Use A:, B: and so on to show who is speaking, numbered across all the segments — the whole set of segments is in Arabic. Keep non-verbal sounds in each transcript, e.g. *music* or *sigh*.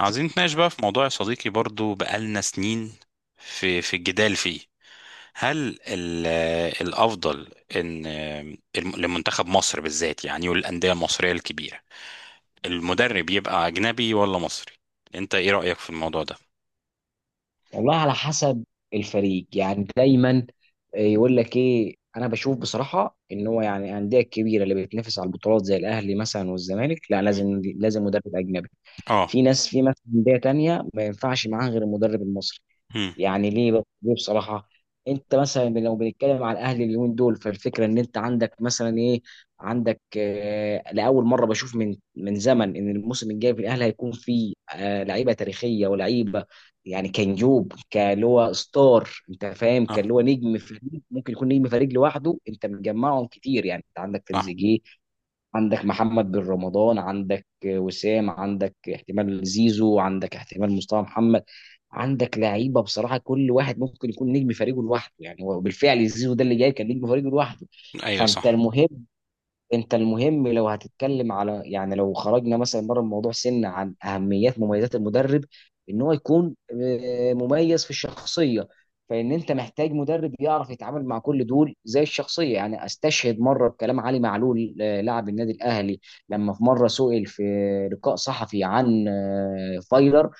A: عاوزين نتناقش بقى في موضوع يا صديقي، برضو بقالنا سنين في الجدال فيه. هل ال- الأفضل إن لمنتخب مصر بالذات، يعني، والأندية المصرية الكبيرة، المدرب يبقى أجنبي ولا مصري؟ أنت إيه رأيك في الموضوع ده؟
B: والله على حسب الفريق يعني دايما يقول لك ايه. انا بشوف بصراحه ان هو يعني الانديه الكبيره اللي بتنافس على البطولات زي الاهلي مثلا والزمالك، لا،
A: مم.
B: لازم مدرب اجنبي.
A: آه.
B: في ناس في مثلا انديه تانية ما ينفعش معاها غير المدرب المصري.
A: مم.
B: يعني ليه بقى؟ ليه بصراحه؟ انت مثلا لو بنتكلم على الاهلي اليومين دول، فالفكره ان انت عندك مثلا ايه، عندك آه لاول مره بشوف من زمن ان الموسم الجاي في الاهلي هيكون فيه آه لعيبه تاريخيه ولعيبه. يعني كنجوب كان هو ستار، انت فاهم، كان
A: آه،
B: هو نجم فريق، ممكن يكون نجم فريق لوحده. انت مجمعهم كتير، يعني انت عندك
A: صح.
B: تريزيجيه، عندك محمد بن رمضان، عندك وسام، عندك احتمال زيزو، عندك احتمال مصطفى محمد. عندك لعيبه بصراحه كل واحد ممكن يكون نجم فريقه لوحده، يعني هو بالفعل زيزو ده اللي جاي كان نجم فريقه لوحده.
A: أيوه،
B: فانت
A: صح.
B: المهم، انت المهم لو هتتكلم على، يعني لو خرجنا مثلا بره الموضوع سنة عن اهميات مميزات المدرب، ان هو يكون مميز في الشخصية. فان انت محتاج مدرب يعرف يتعامل مع كل دول زي الشخصية. يعني استشهد مرة بكلام علي معلول، لاعب النادي الاهلي، لما في مرة سئل في لقاء صحفي عن فايلر.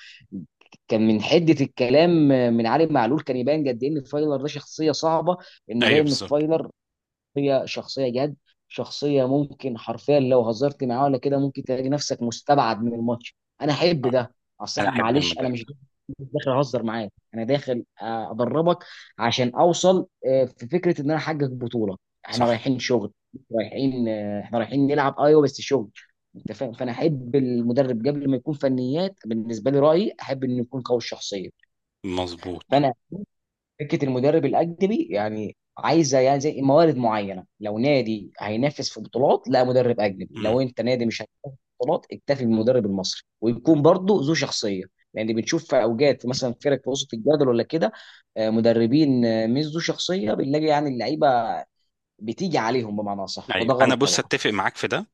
B: كان من حده الكلام من علي معلول كان يبان قد ايه ان فايلر ده شخصيه صعبه، انه جاي
A: أيوه،
B: ان
A: بالظبط.
B: فايلر هي شخصية جد، شخصية ممكن حرفيا لو هزرت معاه ولا كده ممكن تلاقي نفسك مستبعد من الماتش. انا احب
A: آه.
B: ده. اصل
A: أنا
B: احنا
A: أحب
B: معلش، انا
A: المدرب
B: مش
A: ده.
B: مش داخل اهزر معاك، انا داخل، ادربك عشان اوصل، في فكرة ان انا احقق بطولة. احنا
A: صح.
B: رايحين شغل، رايحين، احنا رايحين نلعب، ايوه، بس شغل. انت فاهم؟ فانا احب المدرب قبل ما يكون فنيات، بالنسبة لي رأيي، احب انه يكون قوي الشخصية.
A: مظبوط.
B: فانا فكره المدرب الاجنبي يعني عايزه يعني زي موارد معينه. لو نادي هينافس في بطولات، لا، مدرب اجنبي.
A: مم.
B: لو انت نادي مش هينافس في بطولات، اكتفي بالمدرب المصري ويكون برضه ذو شخصيه. لان بنشوف في اوجات في مثلا فرق في وسط الجدول ولا كده، مدربين مش ذو شخصيه، بنلاقي يعني اللعيبه بتيجي عليهم بمعنى صح،
A: أيوه،
B: وده
A: أنا
B: غلط
A: بص
B: طبعا.
A: أتفق معاك في ده.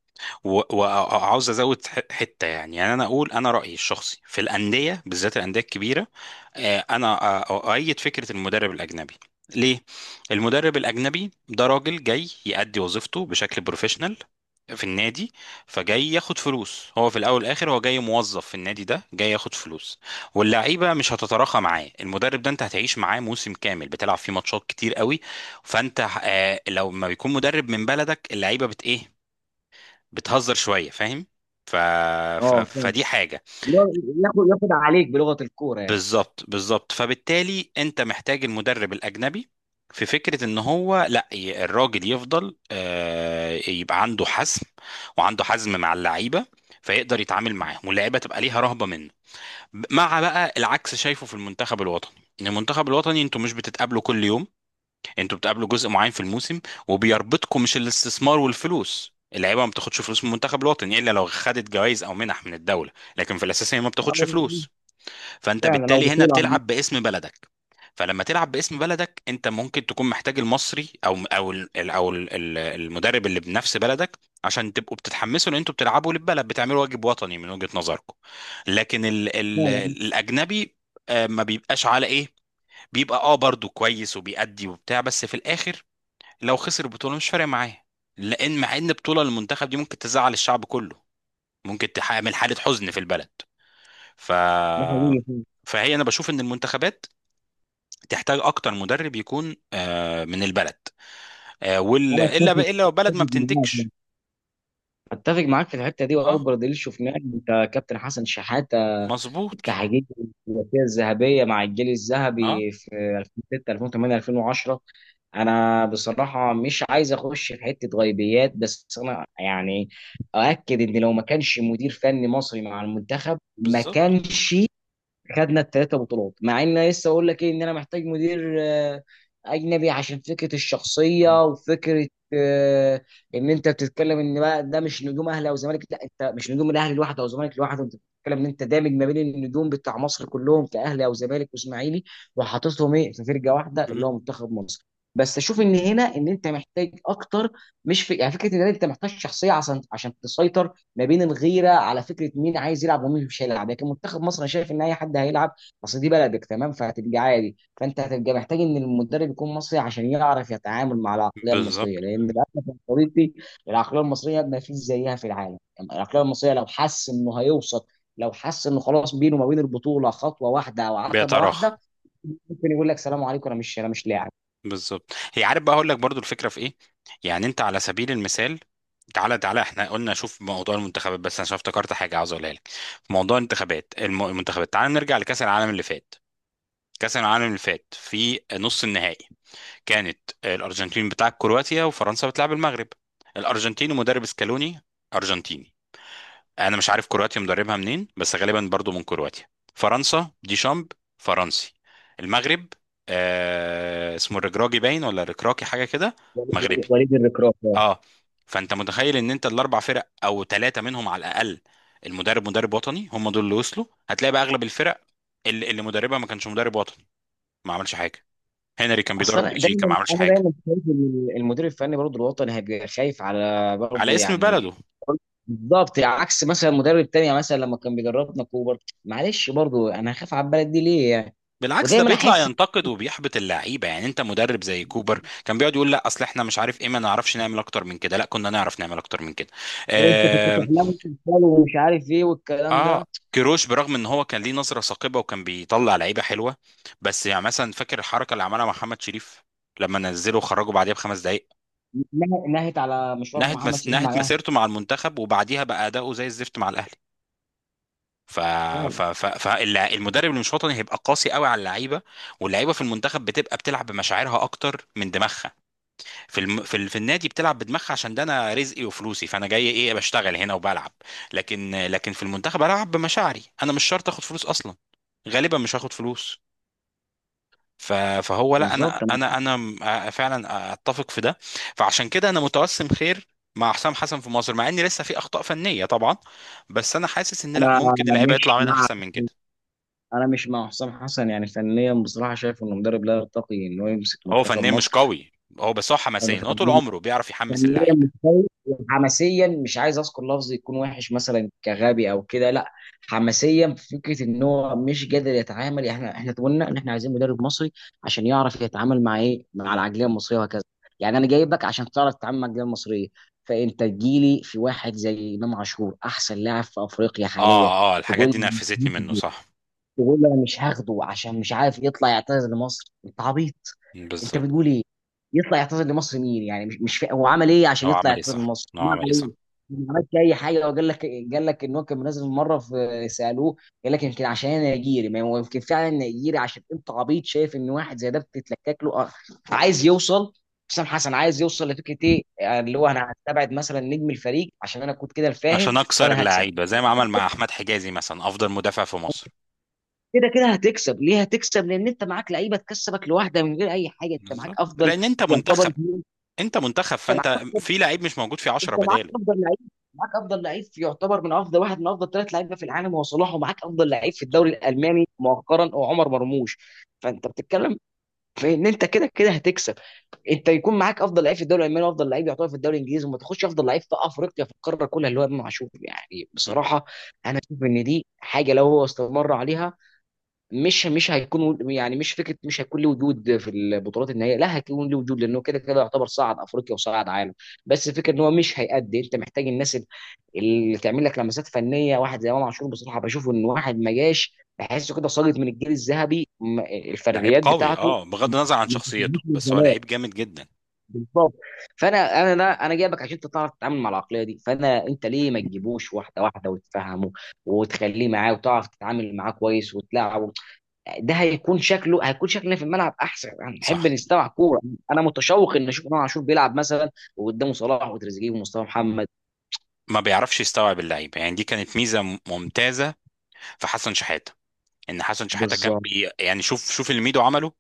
A: و- وعاوز ازود حته. يعني انا اقول انا رايي الشخصي في الانديه، بالذات الانديه الكبيره. انا اؤيد فكره المدرب الاجنبي. ليه؟ المدرب الاجنبي ده راجل جاي يأدي وظيفته بشكل بروفيشنال في النادي. فجاي ياخد فلوس، هو في الاول والاخر هو جاي موظف في النادي ده جاي ياخد فلوس. واللعيبه مش هتتراخى معاه. المدرب ده انت هتعيش معاه موسم كامل، بتلعب فيه ماتشات كتير قوي. فانت لو ما بيكون مدرب من بلدك اللعيبه بت ايه، بتهزر شويه، فاهم. ف...
B: اه فعلا،
A: فدي حاجه.
B: اللي هو ياخد عليك بلغه الكوره يعني.
A: بالظبط، بالظبط. فبالتالي انت محتاج المدرب الاجنبي في فكره ان هو لا، الراجل يفضل يبقى عنده حزم، وعنده حزم مع اللعيبه، فيقدر يتعامل معاهم واللعيبه تبقى ليها رهبه منه. مع بقى العكس شايفه في المنتخب الوطني، ان المنتخب الوطني انتوا مش بتتقابلوا كل يوم، انتوا بتقابلوا جزء معين في الموسم، وبيربطكم مش الاستثمار والفلوس. اللعيبه ما بتاخدش فلوس من المنتخب الوطني الا لو خدت جوائز او منح من الدوله، لكن في الاساس هي ما بتاخدش
B: آه،
A: فلوس. فانت
B: فعلا، او
A: بالتالي هنا
B: بطوله عامة.
A: بتلعب باسم بلدك. فلما تلعب باسم بلدك انت ممكن تكون محتاج المصري، او المدرب اللي بنفس بلدك، عشان تبقوا بتتحمسوا ان انتوا بتلعبوا للبلد، بتعملوا واجب وطني من وجهة نظركم. لكن ال ال
B: فعلا،
A: الاجنبي ما بيبقاش على ايه، بيبقى برضو كويس، وبيأدي وبتاع، بس في الاخر لو خسر البطوله مش فارق معاه. لان مع ان بطوله المنتخب دي ممكن تزعل الشعب كله، ممكن تعمل حاله حزن في البلد. ف
B: ده حقيقي فيه.
A: فهي انا بشوف ان المنتخبات تحتاج اكتر مدرب يكون من البلد.
B: انا اتفق،
A: الا بقى الا لو بلد ما
B: اتفق معاك
A: بتنتجش.
B: اتفق معاك في الحته دي.
A: اه،
B: واكبر دليل شفناه إن انت كابتن حسن شحاته،
A: مظبوط.
B: التحقيق، الثلاثيه الذهبيه مع الجيل
A: اه،
B: الذهبي في 2006 2008 2010. انا بصراحه مش عايز اخش في حته غيبيات، بس انا يعني اؤكد ان لو ما كانش مدير فني مصري مع المنتخب ما
A: بالظبط.
B: كانش خدنا الثلاثه بطولات. مع ان أنا لسه اقول لك ايه، ان انا محتاج مدير اجنبي عشان فكره
A: مم.
B: الشخصيه وفكره، آه، ان انت بتتكلم ان بقى ده مش نجوم اهلي او زمالك، لا، انت مش نجوم الاهلي لوحده او زمالك لوحده، انت بتتكلم ان انت دامج ما بين النجوم بتاع مصر كلهم كاهلي او زمالك واسماعيلي، وحاططهم ايه في فرقه واحده اللي
A: مم.
B: هو منتخب مصر. بس اشوف ان هنا ان انت محتاج اكتر، مش في يعني فكره ان انت محتاج شخصيه عشان تسيطر ما بين الغيره على فكره مين عايز يلعب ومين مش هيلعب. لكن منتخب مصر انا شايف ان اي حد هيلعب، اصل دي بلدك، تمام، فهتبقى عادي. فانت هتبقى محتاج ان المدرب يكون مصري عشان يعرف يتعامل مع العقليه
A: بالظبط.
B: المصريه، لان للاسف يا صديقي العقليه المصريه ما فيش زيها في العالم. العقليه المصريه لو حس انه هيوصل، لو حس انه خلاص بينه وما بين البطوله خطوه واحده او عتبه
A: بيتراخى.
B: واحده، ممكن يقول لك سلام عليكم، انا مش، انا مش لاعب.
A: بالظبط. هي، عارف بقى اقول لك برضو الفكره في ايه، يعني انت على سبيل المثال، تعالى تعالى، احنا قلنا شوف موضوع المنتخبات، بس انا عشان افتكرت حاجه عاوز اقولها لك. في موضوع الانتخابات المنتخبات، تعالى نرجع لكاس العالم اللي فات. كاس العالم اللي فات، في نص النهائي كانت الارجنتين بتلعب كرواتيا وفرنسا بتلعب المغرب. الارجنتين ومدرب سكالوني ارجنتيني، انا مش عارف كرواتيا مدربها منين بس غالبا برضو من كرواتيا. فرنسا ديشامب، فرنسي. المغرب اسمه الركراكي، باين ولا الركراكي حاجه كده، مغربي.
B: وليد الركراف.
A: اه. فانت متخيل ان انت الاربع فرق او ثلاثه منهم على الاقل المدرب مدرب وطني، هم دول اللي وصلوا. هتلاقي بقى اغلب الفرق اللي مدربها ما كانش مدرب وطني، ما عملش حاجه. هنري كان
B: اصل
A: بيدرب
B: انا
A: بلجيكا، ما
B: دايما
A: عملش
B: انا
A: حاجه.
B: دايما شايف إن المدير الفني برضه الوطني هيبقى خايف على
A: على
B: برضه
A: اسم
B: يعني،
A: بلده.
B: بالظبط، عكس مثلا مدرب تاني مثلا لما كان بيدربنا كوبر. معلش برضه انا هخاف على البلد دي ليه يعني؟
A: بالعكس ده
B: ودايما
A: بيطلع
B: احس
A: ينتقد وبيحبط اللعيبه، يعني انت مدرب زي كوبر كان بيقعد يقول: لا اصل احنا مش عارف ايه، ما نعرفش نعمل اكتر من كده، لا كنا نعرف نعمل اكتر من كده.
B: هو انت كنت
A: اه.
B: تحلم وتتخيل ومش عارف ايه والكلام
A: آه.
B: ده.
A: كيروش برغم ان هو كان ليه نظره ثاقبه وكان بيطلع لعيبه حلوه، بس يعني مثلا فاكر الحركه اللي عملها محمد شريف، لما نزله وخرجه بعديها بـ5 دقائق.
B: نهت على مشوار محمد شريف مع
A: نهت
B: الاهلي.
A: مسيرته مع المنتخب، وبعديها بقى اداؤه زي الزفت مع الاهلي. ف...
B: فعلا،
A: فالمدرب اللي مش وطني هيبقى قاسي قوي على اللعيبه. واللعيبه في المنتخب بتبقى بتلعب بمشاعرها اكتر من دماغها. في الم... في, ال... في النادي بتلعب بدماغها عشان ده انا رزقي وفلوسي، فانا جاي ايه بشتغل هنا وبلعب. لكن في المنتخب العب بمشاعري، انا مش شرط اخد فلوس اصلا، غالبا مش هاخد فلوس. ف... فهو لا، انا
B: بالظبط. انا،
A: انا انا فعلا اتفق في ده. فعشان كده انا متوسم خير مع حسام حسن في مصر، مع ان لسه في اخطاء فنيه طبعا، بس انا حاسس ان لا،
B: أنا
A: ممكن اللعيبه
B: مش
A: يطلع منها
B: مع
A: احسن من كده.
B: انا مش مع حسام حسن. يعني فنيا بصراحه شايف انه مدرب لا يرتقي انه يمسك
A: هو
B: منتخب
A: فنيا مش
B: مصر.
A: قوي، هو بس
B: انا
A: حماسيا، هو طول
B: فنان،
A: عمره بيعرف يحمس
B: فنيا
A: اللعيبه.
B: متفوق، وحماسيا مش عايز اذكر لفظ يكون وحش مثلا كغبي او كده، لا. حماسيا في فكره ان هو مش قادر يتعامل. يعني احنا قلنا ان احنا عايزين مدرب مصري عشان يعرف يتعامل مع ايه، مع
A: مم.
B: العقليه المصريه وهكذا. يعني انا جايبك عشان تعرف تتعامل مع العقليه المصريه، فانت تجيلي في واحد زي امام عاشور، احسن لاعب في افريقيا حاليا،
A: اه، اه،
B: تقول
A: الحاجات دي نرفزتني منه،
B: لي
A: صح.
B: تقول لي انا مش هاخده عشان مش عارف يطلع يعتذر لمصر؟ انت عبيط. انت
A: بالظبط.
B: بتقول ايه؟ يطلع يعتذر لمصر مين يعني؟ مش مش فا... هو عمل ايه عشان
A: هو
B: يطلع
A: عمل ايه،
B: يعتذر
A: صح.
B: لمصر
A: هو
B: ما
A: عمل ايه،
B: عليه.
A: صح.
B: ما عملش اي حاجه. وقال لك، قال لك ان هو كان منزل مره في سالوه، قال لك يمكن عشان انا نيجيري، ما هو يمكن فعلا نيجيري عشان انت عبيط شايف ان واحد زي ده بتتلكك له عايز يوصل حسام حسن، عايز يوصل لفكره ايه، اللي هو انا هستبعد مثلا نجم الفريق عشان انا كنت كده الفاهم،
A: عشان اكسر
B: وانا هكسب.
A: اللعيبه زي ما عمل مع احمد حجازي مثلا، افضل مدافع في مصر.
B: كده كده هتكسب. ليه هتكسب؟ لان انت معاك لعيبه تكسبك لوحده من غير اي حاجه. انت معاك
A: بالظبط،
B: افضل،
A: لان انت
B: يعتبر،
A: منتخب. انت منتخب،
B: انت معاك
A: فانت في لعيب مش موجود، في 10
B: انت معاك
A: بداله.
B: افضل لعيب، معاك افضل لعيب في- يعتبر من افضل واحد من افضل ثلاث لعيبه في العالم هو صلاح، ومعاك افضل لعيب في
A: بالظبط.
B: الدوري الالماني مؤخرا هو عمر مرموش. فانت بتتكلم في ان انت كده كده هتكسب. انت يكون معاك افضل لعيب في الدوري الالماني وافضل لعيب يعتبر في الدوري الانجليزي، وما تاخدش افضل لعيب في افريقيا في القاره كلها اللي هو امام عاشور. يعني
A: مم.
B: بصراحه انا شايف ان دي حاجه، لو هو استمر عليها مش هيكون، يعني مش فكره مش هيكون له وجود في البطولات النهائيه، لا هيكون له وجود لانه كده كده يعتبر صعد افريقيا وصعد عالم. بس الفكره ان هو مش هيأدي. انت محتاج الناس اللي تعمل لك لمسات فنيه. واحد زي امام عاشور بصراحه بشوفه ان واحد ما جاش، بحسه كده ساقط من الجيل الذهبي.
A: لعيب
B: الفرديات
A: قوي
B: بتاعته
A: اه، بغض النظر عن
B: ما
A: شخصيته،
B: بتجيش من
A: بس هو
B: زمان.
A: لعيب جامد جدا.
B: بالظبط. فانا انا لا انا جايبك عشان انت تعرف تتعامل مع العقليه دي. فانا انت ليه ما تجيبوش واحده واحده وتفهمه وتخليه معاه وتعرف تتعامل معاه كويس وتلاعبه؟ ده هيكون شكله، هيكون شكلنا في الملعب احسن، هنحب
A: صح.
B: نستمع كوره. انا متشوق ان اشوف امام عاشور بيلعب مثلا، وقدامه صلاح وتريزيجيه ومصطفى محمد.
A: ما بيعرفش يستوعب اللعيبه. يعني دي كانت ميزه ممتازه في حسن شحاته، ان حسن شحاته كان
B: بالظبط.
A: يعني شوف شوف اللي ميدو عمله،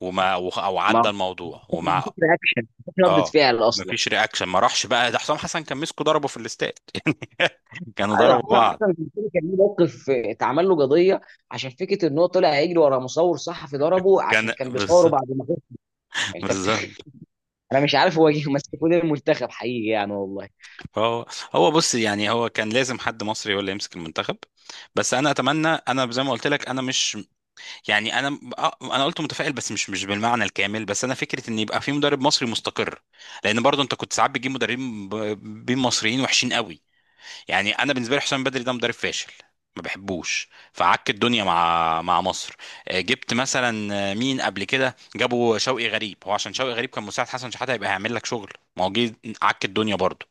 A: وما او
B: ما
A: عدى الموضوع وما.
B: بتفرق اكشن، بتفرق ردة
A: اه،
B: فعل اصلا.
A: مفيش رياكشن، ما راحش بقى. ده حسام حسن كان مسكه ضربه في الاستاد *laughs* يعني كانوا
B: ايوه،
A: ضربوا
B: حسام
A: بعض.
B: حسن في الفيلم كان ليه موقف، اتعمل له قضيه عشان فكره ان هو طلع يجري ورا مصور صحفي ضربه عشان
A: كان
B: كان بيصوره
A: بالظبط،
B: بعد ما خسر. انت بت...
A: بالظبط.
B: *laughs* انا مش عارف هو جه ماسك فين المنتخب حقيقي يعني والله.
A: هو هو بص، يعني هو كان لازم حد مصري هو اللي يمسك المنتخب. بس انا اتمنى، انا زي ما قلت لك انا مش يعني، انا انا قلت متفائل بس مش بالمعنى الكامل، بس انا فكره ان يبقى في مدرب مصري مستقر. لان برضو انت كنت ساعات بتجيب مدربين بين مصريين وحشين قوي. يعني انا بالنسبه لي حسام بدري ده مدرب فاشل، ما بحبوش، فعك الدنيا مع مصر. جبت مثلا، مين قبل كده، جابوا شوقي غريب هو عشان شوقي غريب كان مساعد حسن شحاته هيبقى هيعمل لك شغل. ما هو جه عك الدنيا برضه.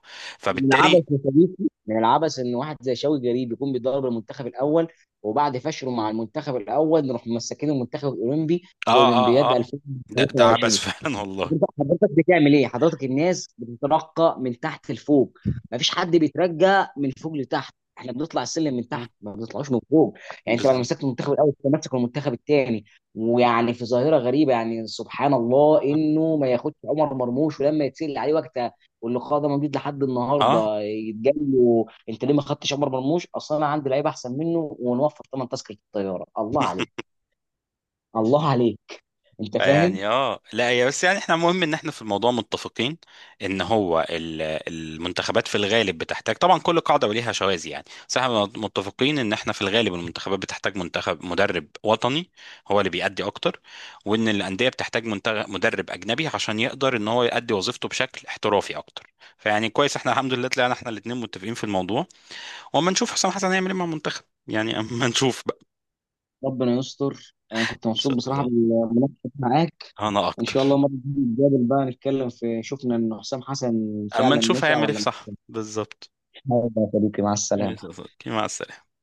B: من
A: فبالتالي.
B: العبث يا صديقي، من العبث ان واحد زي شوقي جريب يكون بيدرب المنتخب الاول، وبعد فشله مع المنتخب الاول نروح مسكين المنتخب الاولمبي في
A: اه، اه،
B: اولمبياد
A: اه، ده عبث
B: 2023.
A: *laughs* فعلا والله.
B: حضرتك بتعمل ايه؟ حضرتك الناس بتترقى من تحت لفوق، مفيش حد بيترجى من فوق لتحت. احنا بنطلع السلم من
A: مم.
B: تحت، ما بنطلعوش من فوق. يعني انت بعد ما
A: بالظبط.
B: مسكت المنتخب الاول انت ماسك المنتخب الثاني. ويعني في ظاهره غريبه، يعني سبحان الله، انه ما ياخدش عمر مرموش. ولما يتسال عليه وقتها، واللقاء ده موجود لحد
A: اه
B: النهارده، يتقال له انت ليه ما خدتش عمر مرموش؟ اصلا انا عندي لعيب احسن منه ونوفر ثمن تذكره الطياره. الله عليك. الله عليك. انت فاهم.
A: يعني، اه لا، هي بس يعني احنا مهم ان احنا في الموضوع متفقين، ان هو المنتخبات في الغالب بتحتاج، طبعا كل قاعده وليها شواذ يعني، بس احنا متفقين ان احنا في الغالب المنتخبات بتحتاج منتخب مدرب وطني، هو اللي بيأدي اكتر. وان الانديه بتحتاج منتخب مدرب اجنبي عشان يقدر ان هو يأدي وظيفته بشكل احترافي اكتر. فيعني كويس احنا الحمد لله طلعنا احنا الاثنين متفقين في الموضوع. واما نشوف حسام حسن هيعمل ايه مع المنتخب، يعني اما نشوف بقى.
B: ربنا يستر. انا كنت
A: ان
B: مبسوط
A: شاء
B: بصراحه
A: الله.
B: بالمناقشه معاك،
A: انا
B: وان شاء الله
A: اكتر.
B: مره تيجي نتقابل بقى نتكلم في، شفنا ان حسام حسن
A: اما
B: فعلا
A: نشوف
B: نفع
A: هيعمل ايه
B: ولا
A: في. صح،
B: مش
A: بالظبط.
B: نافع. يا صديقي مع
A: يا
B: السلامه.
A: صديقي، مع السلامة.